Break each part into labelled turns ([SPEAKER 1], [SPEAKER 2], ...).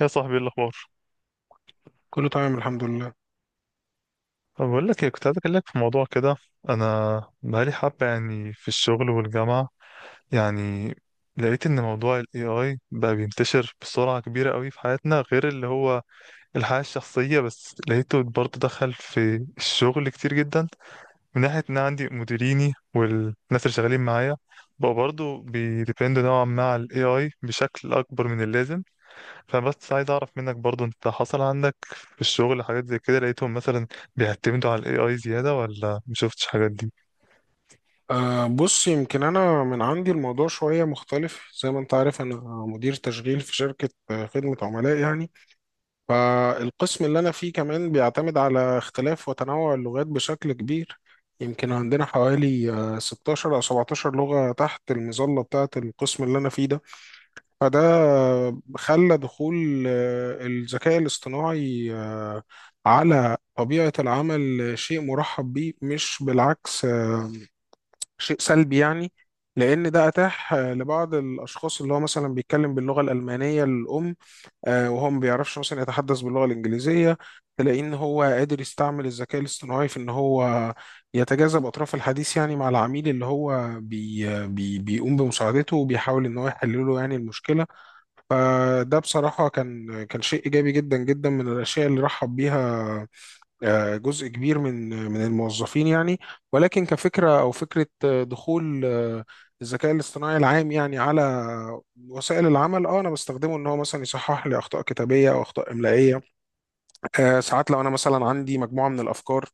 [SPEAKER 1] يا صاحبي، إيه الاخبار؟
[SPEAKER 2] كله تمام الحمد لله.
[SPEAKER 1] طب، بقول لك إيه، كنت عايز اكلمك في موضوع كده. انا بقالي حبه، يعني، في الشغل والجامعه. يعني لقيت ان موضوع الاي اي بقى بينتشر بسرعه كبيره قوي في حياتنا، غير اللي هو الحياه الشخصيه، بس لقيته برضه دخل في الشغل كتير جدا من ناحيه ان أنا عندي مديريني والناس اللي شغالين معايا بقوا برضه بيديبندوا نوعا ما على الاي اي بشكل اكبر من اللازم. فبس عايز اعرف منك برضو، انت حصل عندك في الشغل حاجات زي كده؟ لقيتهم مثلا بيعتمدوا على الاي اي زيادة ولا مشوفتش حاجات دي؟
[SPEAKER 2] بص، يمكن أنا من عندي الموضوع شوية مختلف زي ما أنت عارف. أنا مدير تشغيل في شركة، خدمة عملاء يعني. فالقسم اللي أنا فيه كمان بيعتمد على اختلاف وتنوع اللغات بشكل كبير. يمكن عندنا حوالي 16 أو 17 لغة تحت المظلة بتاعة القسم اللي أنا فيه ده. فده خلى دخول الذكاء الاصطناعي على طبيعة العمل شيء مرحب بيه، مش بالعكس شيء سلبي يعني. لأن ده أتاح لبعض الأشخاص اللي هو مثلا بيتكلم باللغة الألمانية الأم، وهو ما بيعرفش مثلا يتحدث باللغة الإنجليزية. تلاقيه إن هو قادر يستعمل الذكاء الاصطناعي في إن هو يتجاذب أطراف الحديث يعني مع العميل، اللي هو بي بي بيقوم بمساعدته، وبيحاول إن هو يحل له يعني المشكلة. فده بصراحة كان شيء إيجابي جدا جدا، من الأشياء اللي رحب بيها جزء كبير من الموظفين يعني. ولكن كفكرة أو فكرة دخول الذكاء الاصطناعي العام يعني على وسائل العمل. اه انا بستخدمه ان هو مثلا يصحح لي اخطاء كتابيه او اخطاء املائيه. ساعات لو انا مثلا عندي مجموعه من الافكار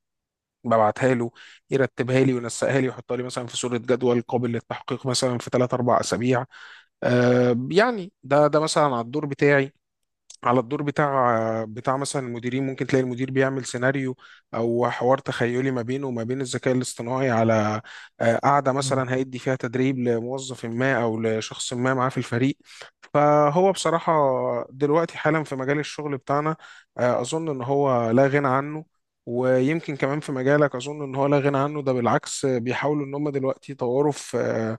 [SPEAKER 2] ببعتها له، يرتبها لي وينسقها لي ويحطها لي مثلا في صوره جدول قابل للتحقيق مثلا في 3 4 اسابيع. يعني ده مثلا على الدور بتاعي، على الدور بتاع مثلا المديرين. ممكن تلاقي المدير بيعمل سيناريو او حوار تخيلي ما بينه وما بين الذكاء الاصطناعي على قعده
[SPEAKER 1] مم.
[SPEAKER 2] مثلا هيدي فيها تدريب لموظف ما او لشخص ما معاه في الفريق. فهو بصراحه دلوقتي حالا في مجال الشغل بتاعنا اظن ان هو لا غنى عنه. ويمكن كمان في مجالك اظن ان هو لا غنى عنه، ده بالعكس بيحاولوا ان هم دلوقتي يطوروا في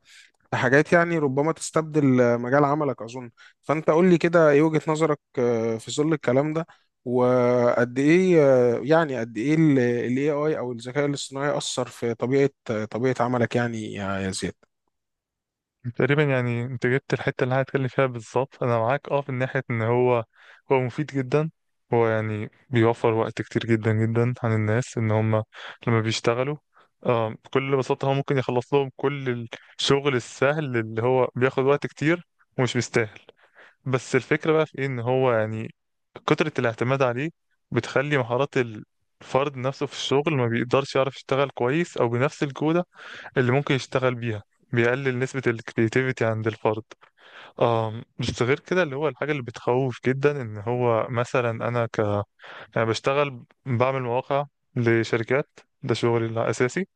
[SPEAKER 2] حاجات يعني ربما تستبدل مجال عملك أظن. فأنت قول لي كده إيه وجهة نظرك في ظل الكلام ده، وقد إيه يعني قد إيه ال AI أو الذكاء الاصطناعي أثر في طبيعة عملك يعني يا زياد؟
[SPEAKER 1] تقريبا يعني انت جبت الحتة اللي أنا هتكلم فيها بالظبط. انا معاك في ناحية ان هو مفيد جدا. هو يعني بيوفر وقت كتير جدا جدا عن الناس ان هم لما بيشتغلوا. بكل بساطة هو ممكن يخلص لهم كل الشغل السهل اللي هو بياخد وقت كتير ومش مستاهل. بس الفكرة بقى في إيه؟ إن هو يعني كترة الاعتماد عليه بتخلي مهارات الفرد نفسه في الشغل ما بيقدرش يعرف يشتغل كويس أو بنفس الجودة اللي ممكن يشتغل بيها. بيقلل نسبة الكرياتيفيتي عند الفرد. بس غير كده، اللي هو الحاجة اللي بتخوف جدا إن هو مثلا أنا ك، يعني بشتغل بعمل مواقع لشركات، ده شغلي الأساسي.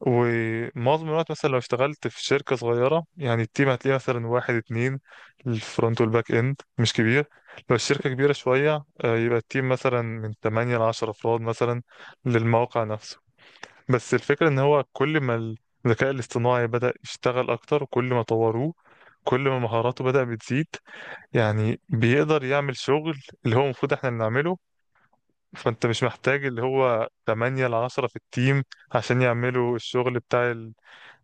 [SPEAKER 1] ومعظم الوقت مثلا لو اشتغلت في شركة صغيرة يعني التيم هتلاقيه مثلا واحد اتنين، الفرونت والباك اند مش كبير. لو الشركة كبيرة شوية يبقى التيم مثلا من 8 ل 10 أفراد مثلا للموقع نفسه. بس الفكرة إن هو كل ما الذكاء الاصطناعي بدأ يشتغل أكتر وكل ما طوروه كل ما مهاراته بدأ بتزيد، يعني بيقدر يعمل شغل اللي هو المفروض احنا اللي نعمله. فانت مش محتاج اللي هو 8 ل 10 في التيم عشان يعملوا الشغل بتاع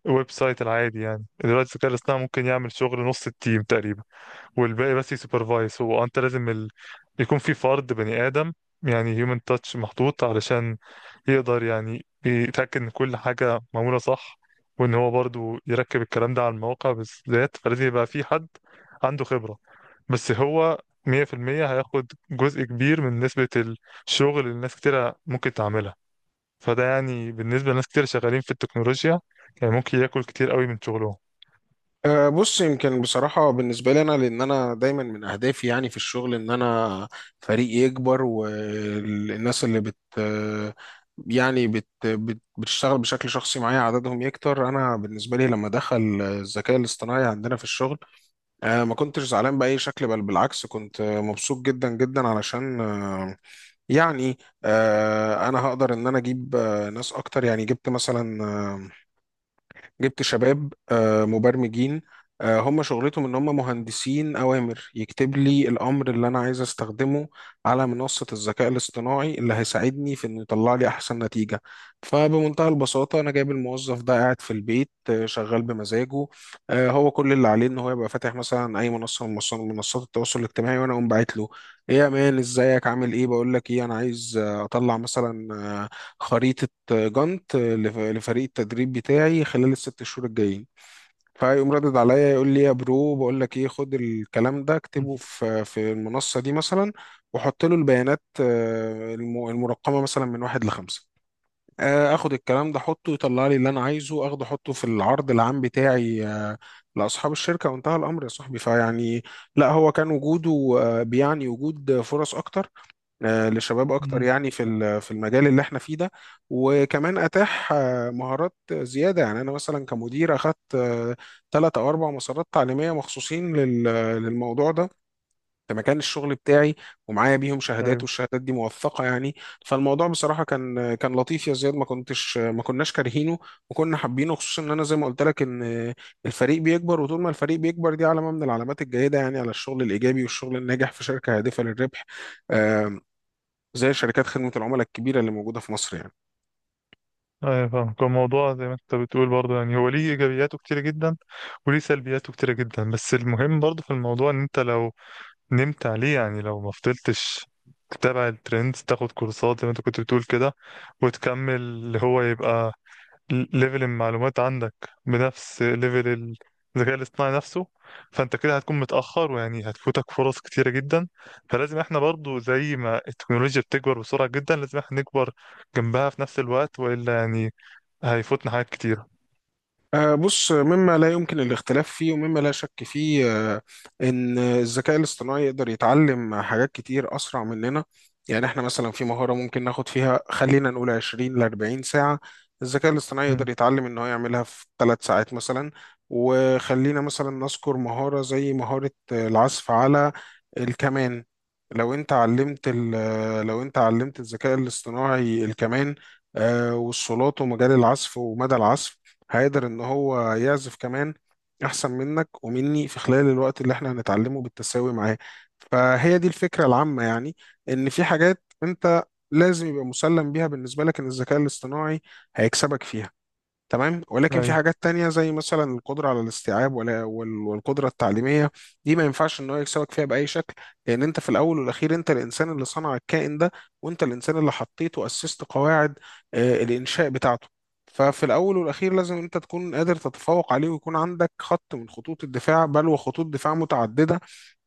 [SPEAKER 1] ويب سايت العادي. يعني دلوقتي الذكاء الاصطناعي ممكن يعمل شغل نص التيم تقريبا والباقي بس يسوبرفايز. هو انت لازم ال... يكون في فرد بني ادم، يعني هيومن تاتش محطوط علشان يقدر يعني يتاكد ان كل حاجه معموله صح، وان هو برضو يركب الكلام ده على المواقع بالذات، فلازم يبقى في حد عنده خبره. بس هو 100% هياخد جزء كبير من نسبه الشغل اللي الناس كتيره ممكن تعملها. فده يعني بالنسبة لناس كتير شغالين في التكنولوجيا يعني ممكن ياكل كتير قوي من شغلهم.
[SPEAKER 2] بص، يمكن بصراحة بالنسبة لي أنا، لأن أنا دايما من أهدافي يعني في الشغل إن أنا فريقي يكبر، والناس اللي بت يعني بت بت بتشتغل بشكل شخصي معايا عددهم يكتر. أنا بالنسبة لي لما دخل الذكاء الاصطناعي عندنا في الشغل ما كنتش زعلان بأي شكل، بل بالعكس كنت مبسوط جدا جدا، علشان أه، يعني أه، أنا هقدر إن أنا أجيب ناس أكتر. يعني جبت شباب مبرمجين. هم شغلتهم ان هم مهندسين اوامر، يكتب لي الامر اللي انا عايز استخدمه على منصة الذكاء الاصطناعي اللي هيساعدني في انه يطلع لي احسن نتيجة. فبمنتهى البساطة، انا جايب الموظف ده قاعد في البيت شغال بمزاجه. هو كل اللي عليه ان هو يبقى فاتح مثلا اي منصة من منصات التواصل الاجتماعي، وانا اقوم باعت له ايه يا مان، ازيك عامل ايه؟ بقول لك ايه، انا عايز اطلع مثلا آه، خريطة جانت لفريق التدريب بتاعي خلال الست شهور الجايين. فيقوم ردد عليا يقول لي يا برو، بقول لك ايه، خد الكلام ده
[SPEAKER 1] مم.
[SPEAKER 2] اكتبه في المنصة دي مثلا، وحط له البيانات المرقمة مثلا من واحد لخمسة. اخد الكلام ده احطه يطلع لي اللي انا عايزه، اخده احطه في العرض العام بتاعي لاصحاب الشركة، وانتهى الامر يا صاحبي. فيعني لا، هو كان وجوده بيعني وجود فرص اكتر لشباب اكتر
[SPEAKER 1] مم.
[SPEAKER 2] يعني في في المجال اللي احنا فيه ده. وكمان اتاح مهارات زياده، يعني انا مثلا كمدير اخذت ثلاث او اربع مسارات تعليميه مخصوصين للموضوع ده في مكان الشغل بتاعي، ومعايا بيهم شهادات،
[SPEAKER 1] ايوه.
[SPEAKER 2] والشهادات دي موثقه يعني. فالموضوع بصراحه كان لطيف يا زياد، ما كناش كارهينه، وكنا حابينه. خصوصا ان انا زي ما قلت لك ان الفريق بيكبر، وطول ما الفريق بيكبر دي علامه من العلامات الجيده يعني على الشغل الايجابي والشغل الناجح في شركه هادفه للربح، زي شركات خدمة العملاء الكبيرة اللي موجودة في مصر يعني.
[SPEAKER 1] ايوه فاهم، كان الموضوع زي ما انت بتقول برضه، يعني هو ليه ايجابياته كتيره جدا وليه سلبياته كتيره جدا. بس المهم برضه في الموضوع ان انت لو نمت عليه، يعني لو ما فضلتش تتابع الترندز، تاخد كورسات زي ما انت كنت بتقول كده، وتكمل اللي هو يبقى ليفل المعلومات عندك بنفس ليفل ال- الذكاء الاصطناعي نفسه، فانت كده هتكون متأخر ويعني هتفوتك فرص كتيرة جدا. فلازم احنا برضو زي ما التكنولوجيا بتكبر بسرعة جدا لازم احنا نكبر جنبها في نفس الوقت، وإلا يعني هيفوتنا حاجات كتيرة.
[SPEAKER 2] بص، مما لا يمكن الاختلاف فيه ومما لا شك فيه آه، ان الذكاء الاصطناعي يقدر يتعلم حاجات كتير اسرع مننا. يعني احنا مثلا في مهارة ممكن ناخد فيها خلينا نقول 20 ل 40 ساعة، الذكاء الاصطناعي يقدر
[SPEAKER 1] مم.
[SPEAKER 2] يتعلم ان هو يعملها في 3 ساعات مثلا. وخلينا مثلا نذكر مهارة زي مهارة العزف على الكمان. لو انت علمت الذكاء الاصطناعي الكمان والصولات ومجال العزف ومدى العزف، هيقدر ان هو يعزف كمان احسن منك ومني في خلال الوقت اللي احنا هنتعلمه بالتساوي معاه. فهي دي الفكرة العامة يعني، ان في حاجات انت لازم يبقى مسلم بيها بالنسبة لك، ان الذكاء الاصطناعي هيكسبك فيها تمام. ولكن في
[SPEAKER 1] أيوة.
[SPEAKER 2] حاجات تانية زي مثلا القدرة على الاستيعاب والقدرة التعليمية، دي ما ينفعش ان هو يكسبك فيها بأي شكل. لأن انت في الأول والأخير انت الإنسان اللي صنع الكائن ده، وانت الإنسان اللي حطيته وأسست قواعد الإنشاء بتاعته. ففي الأول والأخير لازم انت تكون قادر تتفوق عليه، ويكون عندك خط من خطوط الدفاع، بل وخطوط دفاع متعددة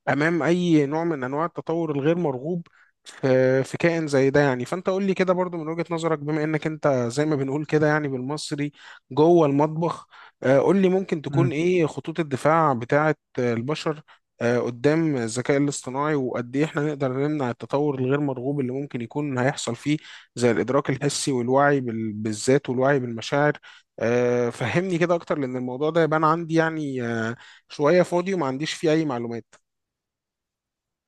[SPEAKER 2] امام اي نوع من انواع التطور الغير مرغوب في كائن زي ده يعني. فانت قول لي كده برضو من وجهة نظرك، بما انك انت زي ما بنقول كده يعني بالمصري جوه المطبخ، قول لي ممكن تكون ايه خطوط الدفاع بتاعه البشر قدام الذكاء الاصطناعي، وقد ايه احنا نقدر نمنع التطور الغير مرغوب اللي ممكن يكون هيحصل فيه زي الادراك الحسي والوعي بالذات والوعي بالمشاعر. فهمني كده اكتر، لان الموضوع ده يبان عندي يعني شوية فاضي وما عنديش فيه اي معلومات.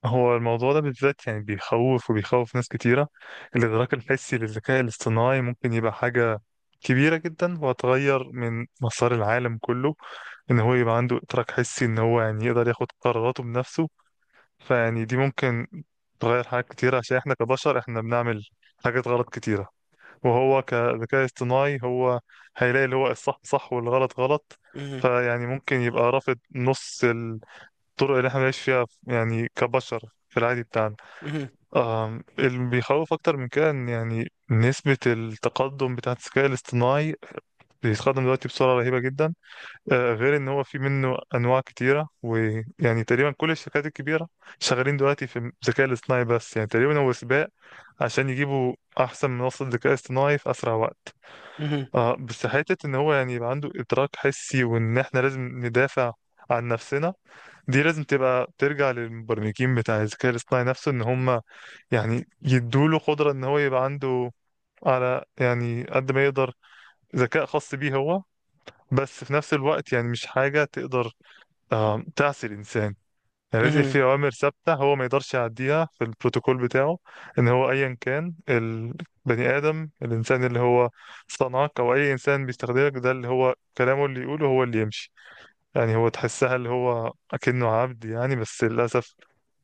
[SPEAKER 1] هو الموضوع ده بالذات يعني بيخوف وبيخوف ناس كتيرة. الإدراك الحسي للذكاء الاصطناعي ممكن يبقى حاجة كبيرة جدا وهتغير من مسار العالم كله. إن هو يبقى عنده إدراك حسي، إن هو يعني يقدر ياخد قراراته بنفسه، فيعني دي ممكن تغير حاجات كتيرة عشان إحنا كبشر إحنا بنعمل حاجات غلط كتيرة، وهو كذكاء اصطناعي هو هيلاقي اللي هو الصح صح والغلط غلط.
[SPEAKER 2] مهم.
[SPEAKER 1] فيعني ممكن يبقى رافض نص الطرق اللي إحنا بنعيش فيها يعني كبشر في العادي بتاعنا.
[SPEAKER 2] مهم.
[SPEAKER 1] اللي بيخوف أكتر من كده إن يعني نسبة التقدم بتاعة الذكاء الاصطناعي بيتقدم دلوقتي بسرعة رهيبة جدا. غير إن هو في منه أنواع كتيرة، ويعني تقريبا كل الشركات الكبيرة شغالين دلوقتي في الذكاء الاصطناعي، بس يعني تقريبا هو سباق عشان يجيبوا أحسن منصة ذكاء اصطناعي في أسرع وقت.
[SPEAKER 2] مهم.
[SPEAKER 1] بس حتة إن هو يعني يبقى عنده إدراك حسي وإن إحنا لازم ندافع عن نفسنا، دي لازم تبقى ترجع للمبرمجين بتاع الذكاء الاصطناعي نفسه. ان هم يعني يدوله قدرة ان هو يبقى عنده، على يعني قد ما يقدر، ذكاء خاص بيه هو، بس في نفس الوقت يعني مش حاجة تقدر تعصي الانسان. يعني لازم
[SPEAKER 2] مهم.
[SPEAKER 1] في اوامر ثابتة هو ما يقدرش يعديها في البروتوكول بتاعه. ان هو ايا كان البني ادم الانسان اللي هو صنعك او اي انسان بيستخدمك، ده اللي هو كلامه اللي يقوله هو اللي يمشي. يعني هو تحسها اللي هو اكنه عبد، يعني بس للاسف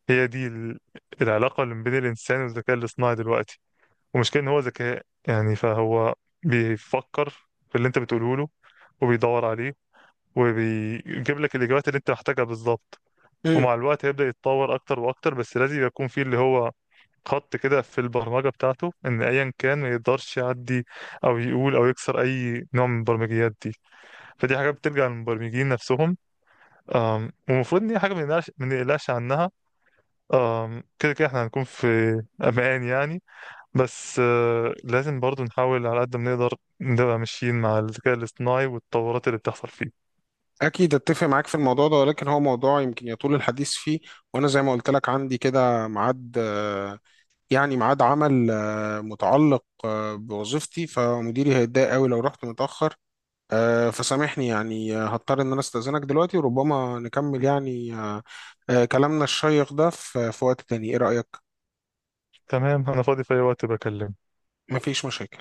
[SPEAKER 1] هي دي ال- العلاقة اللي بين الإنسان والذكاء الاصطناعي دلوقتي. ومشكلة إن هو ذكاء يعني فهو بيفكر في اللي أنت بتقوله له وبيدور عليه وبيجيب لك الإجابات اللي أنت محتاجها بالظبط.
[SPEAKER 2] مهم.
[SPEAKER 1] ومع الوقت هيبدأ يتطور أكتر وأكتر، بس لازم يكون فيه اللي هو خط كده في البرمجة بتاعته إن أيا كان ما يقدرش يعدي أو يقول أو يكسر أي نوع من البرمجيات دي. فدي حاجات بترجع للمبرمجين نفسهم. ومفروض إن هي حاجة ما نقلقش عنها. كده كده احنا هنكون في امان يعني. بس لازم برضو نحاول على قد ما نقدر نبقى ماشيين مع الذكاء الاصطناعي والتطورات اللي بتحصل فيه.
[SPEAKER 2] أكيد أتفق معاك في الموضوع ده، ولكن هو موضوع يمكن يطول الحديث فيه. وأنا زي ما قلت لك عندي كده ميعاد، يعني ميعاد عمل متعلق بوظيفتي، فمديري هيتضايق أوي لو رحت متأخر. فسامحني يعني، هضطر إن أنا أستأذنك دلوقتي، وربما نكمل يعني كلامنا الشيق ده في وقت تاني. إيه رأيك؟
[SPEAKER 1] تمام، انا فاضي في اي وقت، بكلمك.
[SPEAKER 2] مفيش مشاكل.